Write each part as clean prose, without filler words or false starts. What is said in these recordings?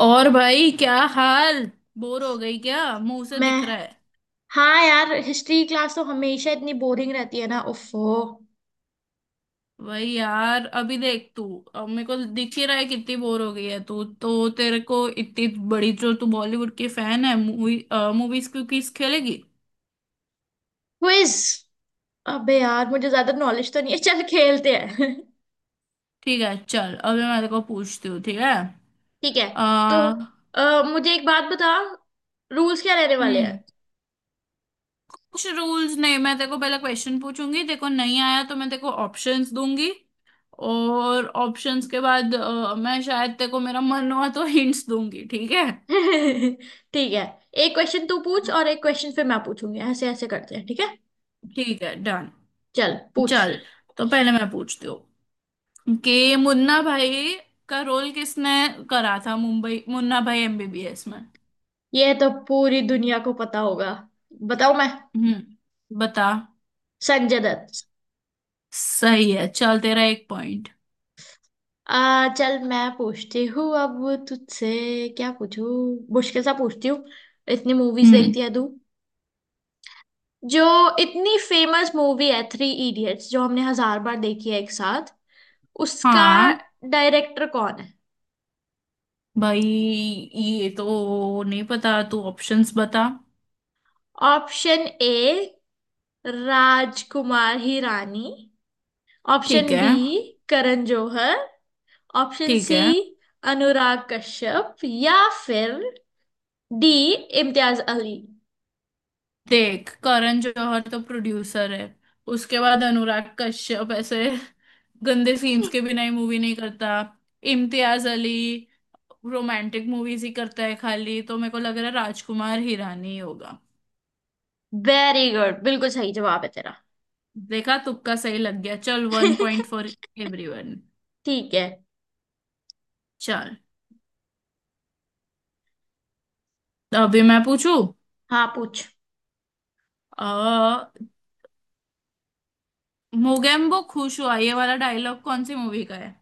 और भाई क्या हाल। बोर हो गई क्या? मुंह से मैं। दिख रहा है। हाँ यार, हिस्ट्री क्लास तो हमेशा इतनी बोरिंग रहती है ना, उफ्फो। भाई यार अभी देख तू। अब मेरे को दिख ही रहा है कितनी बोर हो गई है तू। तो तेरे को इतनी बड़ी जो तू बॉलीवुड की फैन है, मूवीज की क्विज खेलेगी। क्विज? अबे यार, मुझे ज्यादा नॉलेज तो नहीं है, चल खेलते हैं। ठीक है, चल अभी मैं तेरे को पूछती हूँ, ठीक है। ठीक है। तो आ, मुझे एक बात बता, रूल्स क्या रहने वाले हैं? हम्म। कुछ रूल्स नहीं, मैं तेरे को पहले क्वेश्चन पूछूंगी, तेरे को नहीं आया तो मैं तेरे को ऑप्शंस दूंगी। और ऑप्शंस के बाद मैं शायद तेरे को, मेरा मन हुआ तो हिंट्स दूंगी, ठीक है। ठीक है। एक क्वेश्चन तू पूछ और एक क्वेश्चन फिर मैं पूछूंगी, ऐसे ऐसे करते हैं, ठीक है। ठीक है, डन। चल पूछ। चल, तो पहले मैं पूछती हूँ कि मुन्ना भाई का रोल किसने करा था, मुंबई मुन्ना भाई एमबीबीएस में। ये तो पूरी दुनिया को पता होगा, बताओ मैं। हम्म, बता। संजय दत्त। सही है, चल तेरा एक पॉइंट। आ, चल मैं पूछती हूँ अब तुझसे। क्या पूछूं? मुश्किल सा पूछती हूँ। इतनी मूवीज हम्म। देखती है तू। जो इतनी फेमस मूवी है थ्री इडियट्स, जो हमने हजार बार देखी है एक साथ, उसका हाँ डायरेक्टर कौन है? भाई ये तो नहीं पता, तू ऑप्शंस बता। Option A, Rajkumar Hirani. Option ठीक है। बी, करण जौहर। ऑप्शन ठीक सी, है। अनुराग कश्यप, या फिर डी, इम्तियाज अली। देख, करण जौहर तो प्रोड्यूसर है, उसके बाद अनुराग कश्यप ऐसे गंदे सीन्स के बिना ही मूवी नहीं करता, इम्तियाज अली रोमांटिक मूवीज ही करता है खाली, तो मेरे को लग रहा है राजकुमार हिरानी ही होगा। वेरी गुड, बिल्कुल सही जवाब है तेरा। देखा, तुक्का सही लग गया। चल, वन पॉइंट फॉर एवरीवन। ठीक है। चल, तो अभी मैं पूछू। हाँ पूछ। अ मोगेम्बो खुश हुआ, ये वाला डायलॉग कौन सी मूवी का है?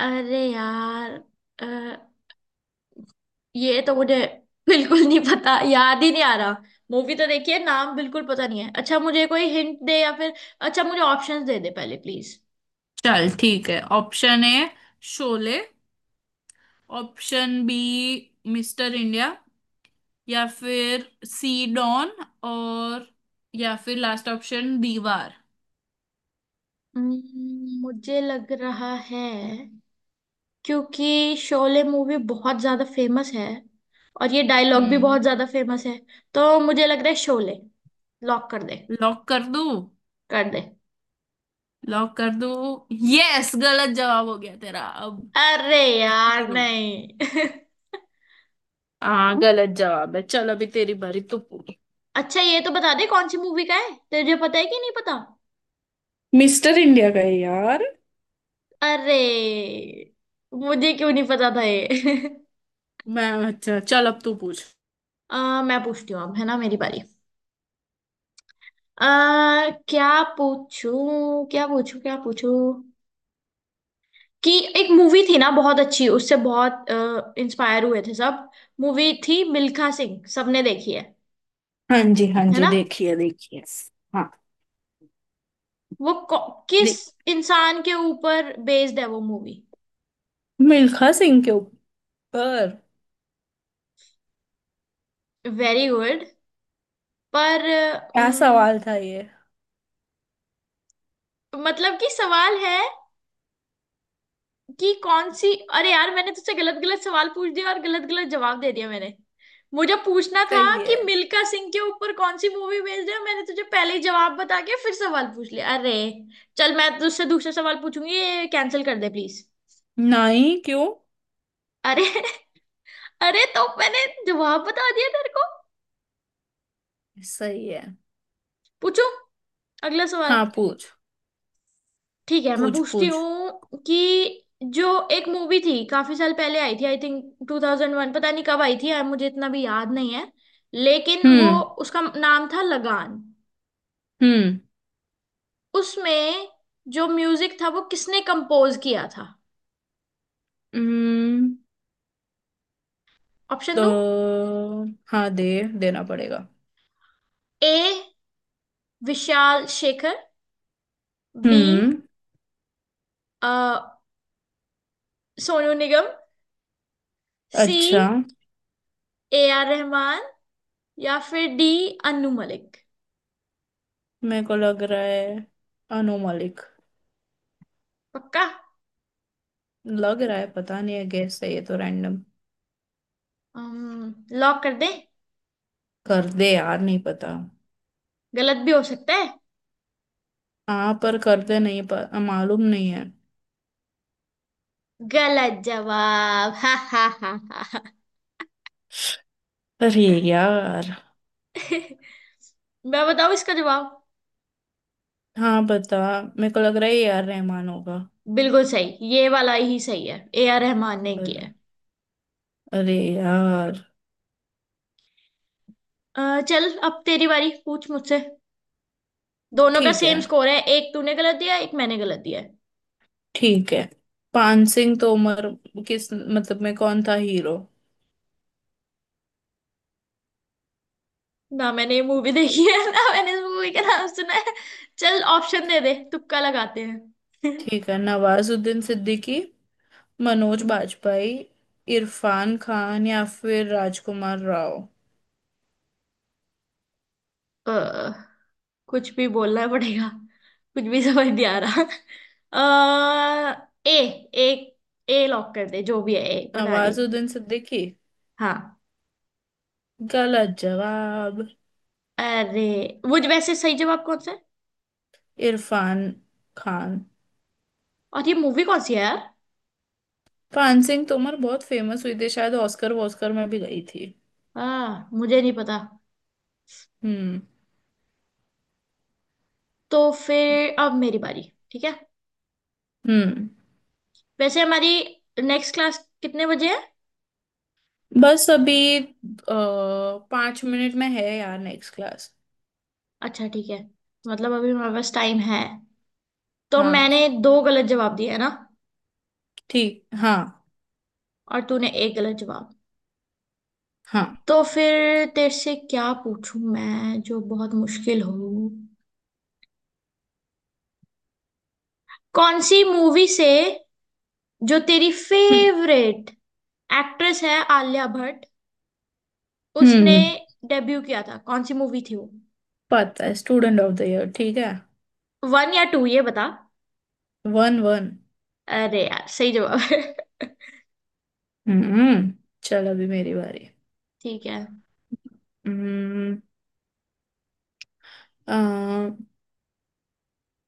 अरे यार, अ, ये तो मुझे बिल्कुल नहीं पता, याद ही नहीं आ रहा। मूवी तो देखिए, नाम बिल्कुल पता नहीं है। अच्छा, मुझे कोई हिंट दे या फिर अच्छा, मुझे ऑप्शंस दे दे पहले प्लीज। चल ठीक है। Option A Sholay, option B Mister India, या फिर सी डॉन, और या फिर लास्ट ऑप्शन दीवार। मुझे लग रहा है क्योंकि शोले मूवी बहुत ज्यादा फेमस है और ये डायलॉग भी बहुत हम्म। ज्यादा फेमस है, तो मुझे लग रहा है शोले। लॉक कर दे। लॉक कर दो, कर दे। लॉक कर दो। यस, गलत जवाब हो गया तेरा। अब अरे यार, जीरो। नहीं। हाँ गलत जवाब है, चल अभी तेरी बारी, तू पूछ। अच्छा ये तो बता दे, कौन सी मूवी का है, तुझे पता है कि नहीं पता। मिस्टर इंडिया का है यार। अरे, मुझे क्यों नहीं पता था ये? मैं, अच्छा, चल अब तू पूछ। मैं पूछती हूँ अब, है ना मेरी बारी। आ, क्या पूछूं, क्या पूछूं, क्या पूछूं? कि एक मूवी थी ना बहुत अच्छी, उससे बहुत इंस्पायर हुए थे सब। मूवी थी मिल्खा सिंह, सबने देखी है हाँ जी, हाँ है जी, ना? देखिए देखिए। हाँ। वो किस देख इंसान के ऊपर बेस्ड है वो मूवी? मिल्खा सिंह के ऊपर। Very good. पर क्या सवाल था ये? मतलब कि सवाल है कि कौन सी, अरे यार, मैंने तुझसे गलत गलत सवाल पूछ दिया और गलत गलत जवाब दे दिया मैंने। मुझे पूछना था सही कि है। मिल्खा सिंह के ऊपर कौन सी मूवी बेस्ड है। मैंने तुझे पहले ही जवाब बता के फिर सवाल पूछ लिया, अरे। चल मैं तुझसे दूसरा सवाल पूछूंगी, ये कैंसिल कर दे प्लीज। नहीं, क्यों? अरे अरे, तो मैंने जवाब बता दिया तेरे को। सही है। पूछो अगला सवाल। हाँ, पूछ ठीक है, मैं पूछ पूछती पूछ। हूँ कि जो एक मूवी थी काफी साल पहले, आई थी आई थिंक 2001, पता नहीं कब आई थी यार, मुझे इतना भी याद नहीं है। लेकिन वो, हम्म। उसका नाम था लगान। हम्म। उसमें जो म्यूजिक था वो किसने कंपोज किया था? हम्म। ऑप्शन तो दो। हाँ दे, देना पड़ेगा। ए, विशाल शेखर। बी, हम्म। सोनू निगम। सी, अच्छा। A R Rahman. या फिर डी, अनु मलिक। मेरे को लग रहा है अनु मलिक। पक्का? लग रहा है, पता नहीं है, गैस है ये तो, रैंडम। लॉक कर दे। कर दे यार, नहीं पता। गलत भी हो सकता है। हाँ पर कर दे, नहीं मालूम नहीं है। गलत जवाब, हा हा हा हा हा। अरे यार। मैं बताऊं इसका जवाब। हाँ बता। मेरे को लग रहा है ये यार रहमान होगा। बिल्कुल सही, ये वाला ही सही है, ए आर रहमान ने किया पर- है। अरे यार। चल अब तेरी बारी, पूछ मुझसे। दोनों का ठीक है। सेम स्कोर है, एक तूने गलत दिया, एक मैंने गलत दिया। है ठीक है। पान सिंह तोमर किस मतलब में कौन था हीरो। ना मैंने ये मूवी देखी है, ना मैंने इस मूवी का नाम सुना है। चल ऑप्शन दे दे, तुक्का लगाते हैं। ठीक है, नवाजुद्दीन सिद्दीकी, मनोज बाजपेयी, इरफान खान या फिर राजकुमार राव। अ, कुछ भी बोलना पड़ेगा, कुछ भी समझ नहीं आ रहा। ए, ए, ए लॉक कर दे जो भी है ए, पता नहीं। नवाजुद्दीन सिद्दीकी। हाँ। गलत जवाब। अरे, वैसे सही जवाब कौन सा है? इरफान खान। और ये मूवी कौन सी है यार? पान सिंह तोमर बहुत फेमस हुई थी, शायद ऑस्कर वॉस्कर में भी गई थी। हाँ, मुझे नहीं पता। हम्म। तो फिर अब मेरी बारी। ठीक है। हम्म। वैसे हमारी नेक्स्ट क्लास कितने बजे है? बस अभी 5 मिनट में है यार नेक्स्ट क्लास। अच्छा ठीक है, मतलब अभी हमारे पास टाइम है। तो हाँ, मैंने दो गलत जवाब दिए है ना, ठीक, हाँ। और तूने एक गलत जवाब। हाँ। तो फिर तेरे से क्या पूछूं मैं जो बहुत मुश्किल हो? कौन सी मूवी से, जो तेरी हम्म। फेवरेट एक्ट्रेस है आलिया भट्ट, उसने हम्म, डेब्यू किया था, कौन सी मूवी थी वो? पता है, स्टूडेंट ऑफ द ईयर। ठीक है। वन या टू, ये बता। One, one. अरे यार, सही जवाब है। हम्म। चल अभी मेरी बारी। ठीक है। हम्म। अ,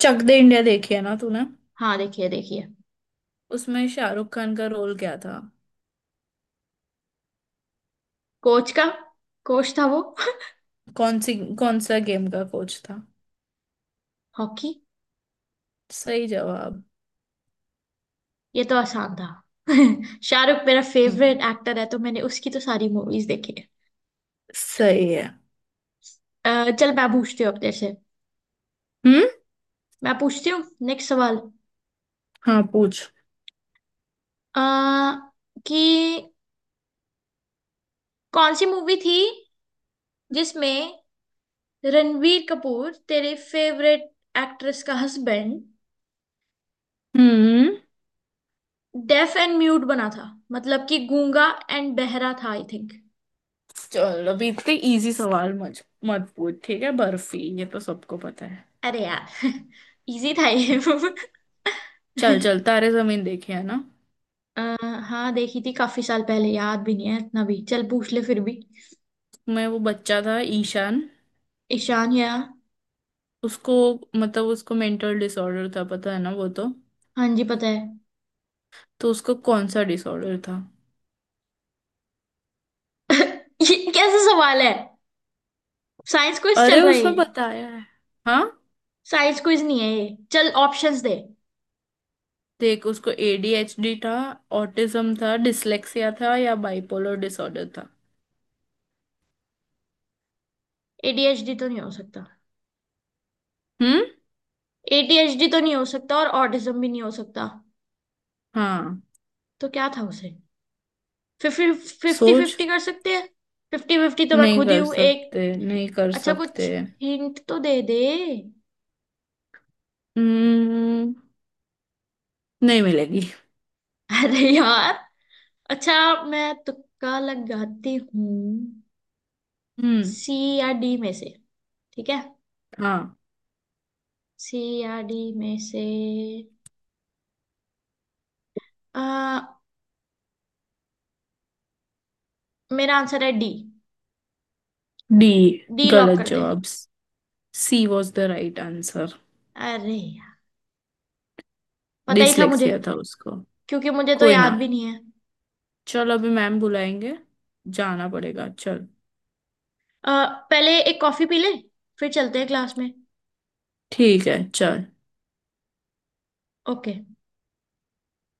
चक दे इंडिया देखी है ना तूने। हाँ देखिए देखिए। उसमें शाहरुख खान का रोल क्या था? कोच का, कोच था वो। कौन सी, कौन सा गेम का कोच था? हॉकी। सही जवाब। ये तो आसान था, शाहरुख मेरा हम्म। फेवरेट एक्टर है, तो मैंने उसकी तो सारी मूवीज देखी है। सही है। चल मैं पूछती हूँ अब तेरे से, हम्म। मैं पूछती हूँ नेक्स्ट सवाल। हाँ, पूछ। आ, कि कौन सी मूवी थी जिसमें रणवीर कपूर तेरे फेवरेट एक्ट्रेस का हस्बैंड हम्म। डेफ एंड म्यूट बना था, मतलब कि गूंगा एंड बहरा था, आई थिंक। चल अभी इतने इजी सवाल मत मत पूछ, ठीक है, बर्फी, ये तो सबको पता है। अरे यार, इजी था ये। चल चल, तारे जमीन देखे है ना। आ, हाँ देखी थी काफी साल पहले, याद भी नहीं है इतना भी, चल पूछ ले फिर भी। मैं, वो बच्चा था ईशान। ईशान या? उसको, मतलब उसको मेंटल डिसऑर्डर था, पता है ना वो तो। हाँ जी पता है। तो उसको कौन सा डिसऑर्डर था? ये कैसा सवाल है, साइंस क्विज चल अरे रहा है ये? उसमें बताया है। हाँ। साइंस क्विज नहीं है ये, चल ऑप्शंस दे। देख, उसको एडीएचडी था, ऑटिज्म था, डिसलेक्सिया था या बाइपोलर डिसऑर्डर था। एडीएचडी तो नहीं हो सकता। हम्म। एडीएचडी तो नहीं हो सकता और ऑटिज्म भी नहीं हो सकता। हाँ, तो क्या था उसे? फिफ्टी फिफ्टी, सोच। फिफ्टी कर सकते हैं? फिफ्टी फिफ्टी तो मैं नहीं खुद ही कर हूँ एक। सकते, नहीं कर अच्छा सकते। कुछ हिंट तो दे दे। हम्म, नहीं मिलेगी। अरे यार। अच्छा, मैं तुक्का लगाती हूँ। हम्म। सी या डी में से, ठीक है। हाँ। सी या डी में से, आ, मेरा आंसर है डी। डी। डी लॉक गलत कर दे। जवाब। C was the right answer. अरे यार, पता ही था मुझे, डिसलेक्सिया था उसको। क्योंकि मुझे तो कोई याद ना। भी नहीं है। चल अभी मैम बुलाएंगे, जाना पड़ेगा, चल। अ, पहले एक कॉफी पी ले, फिर चलते हैं क्लास में। ठीक है चल। ओके।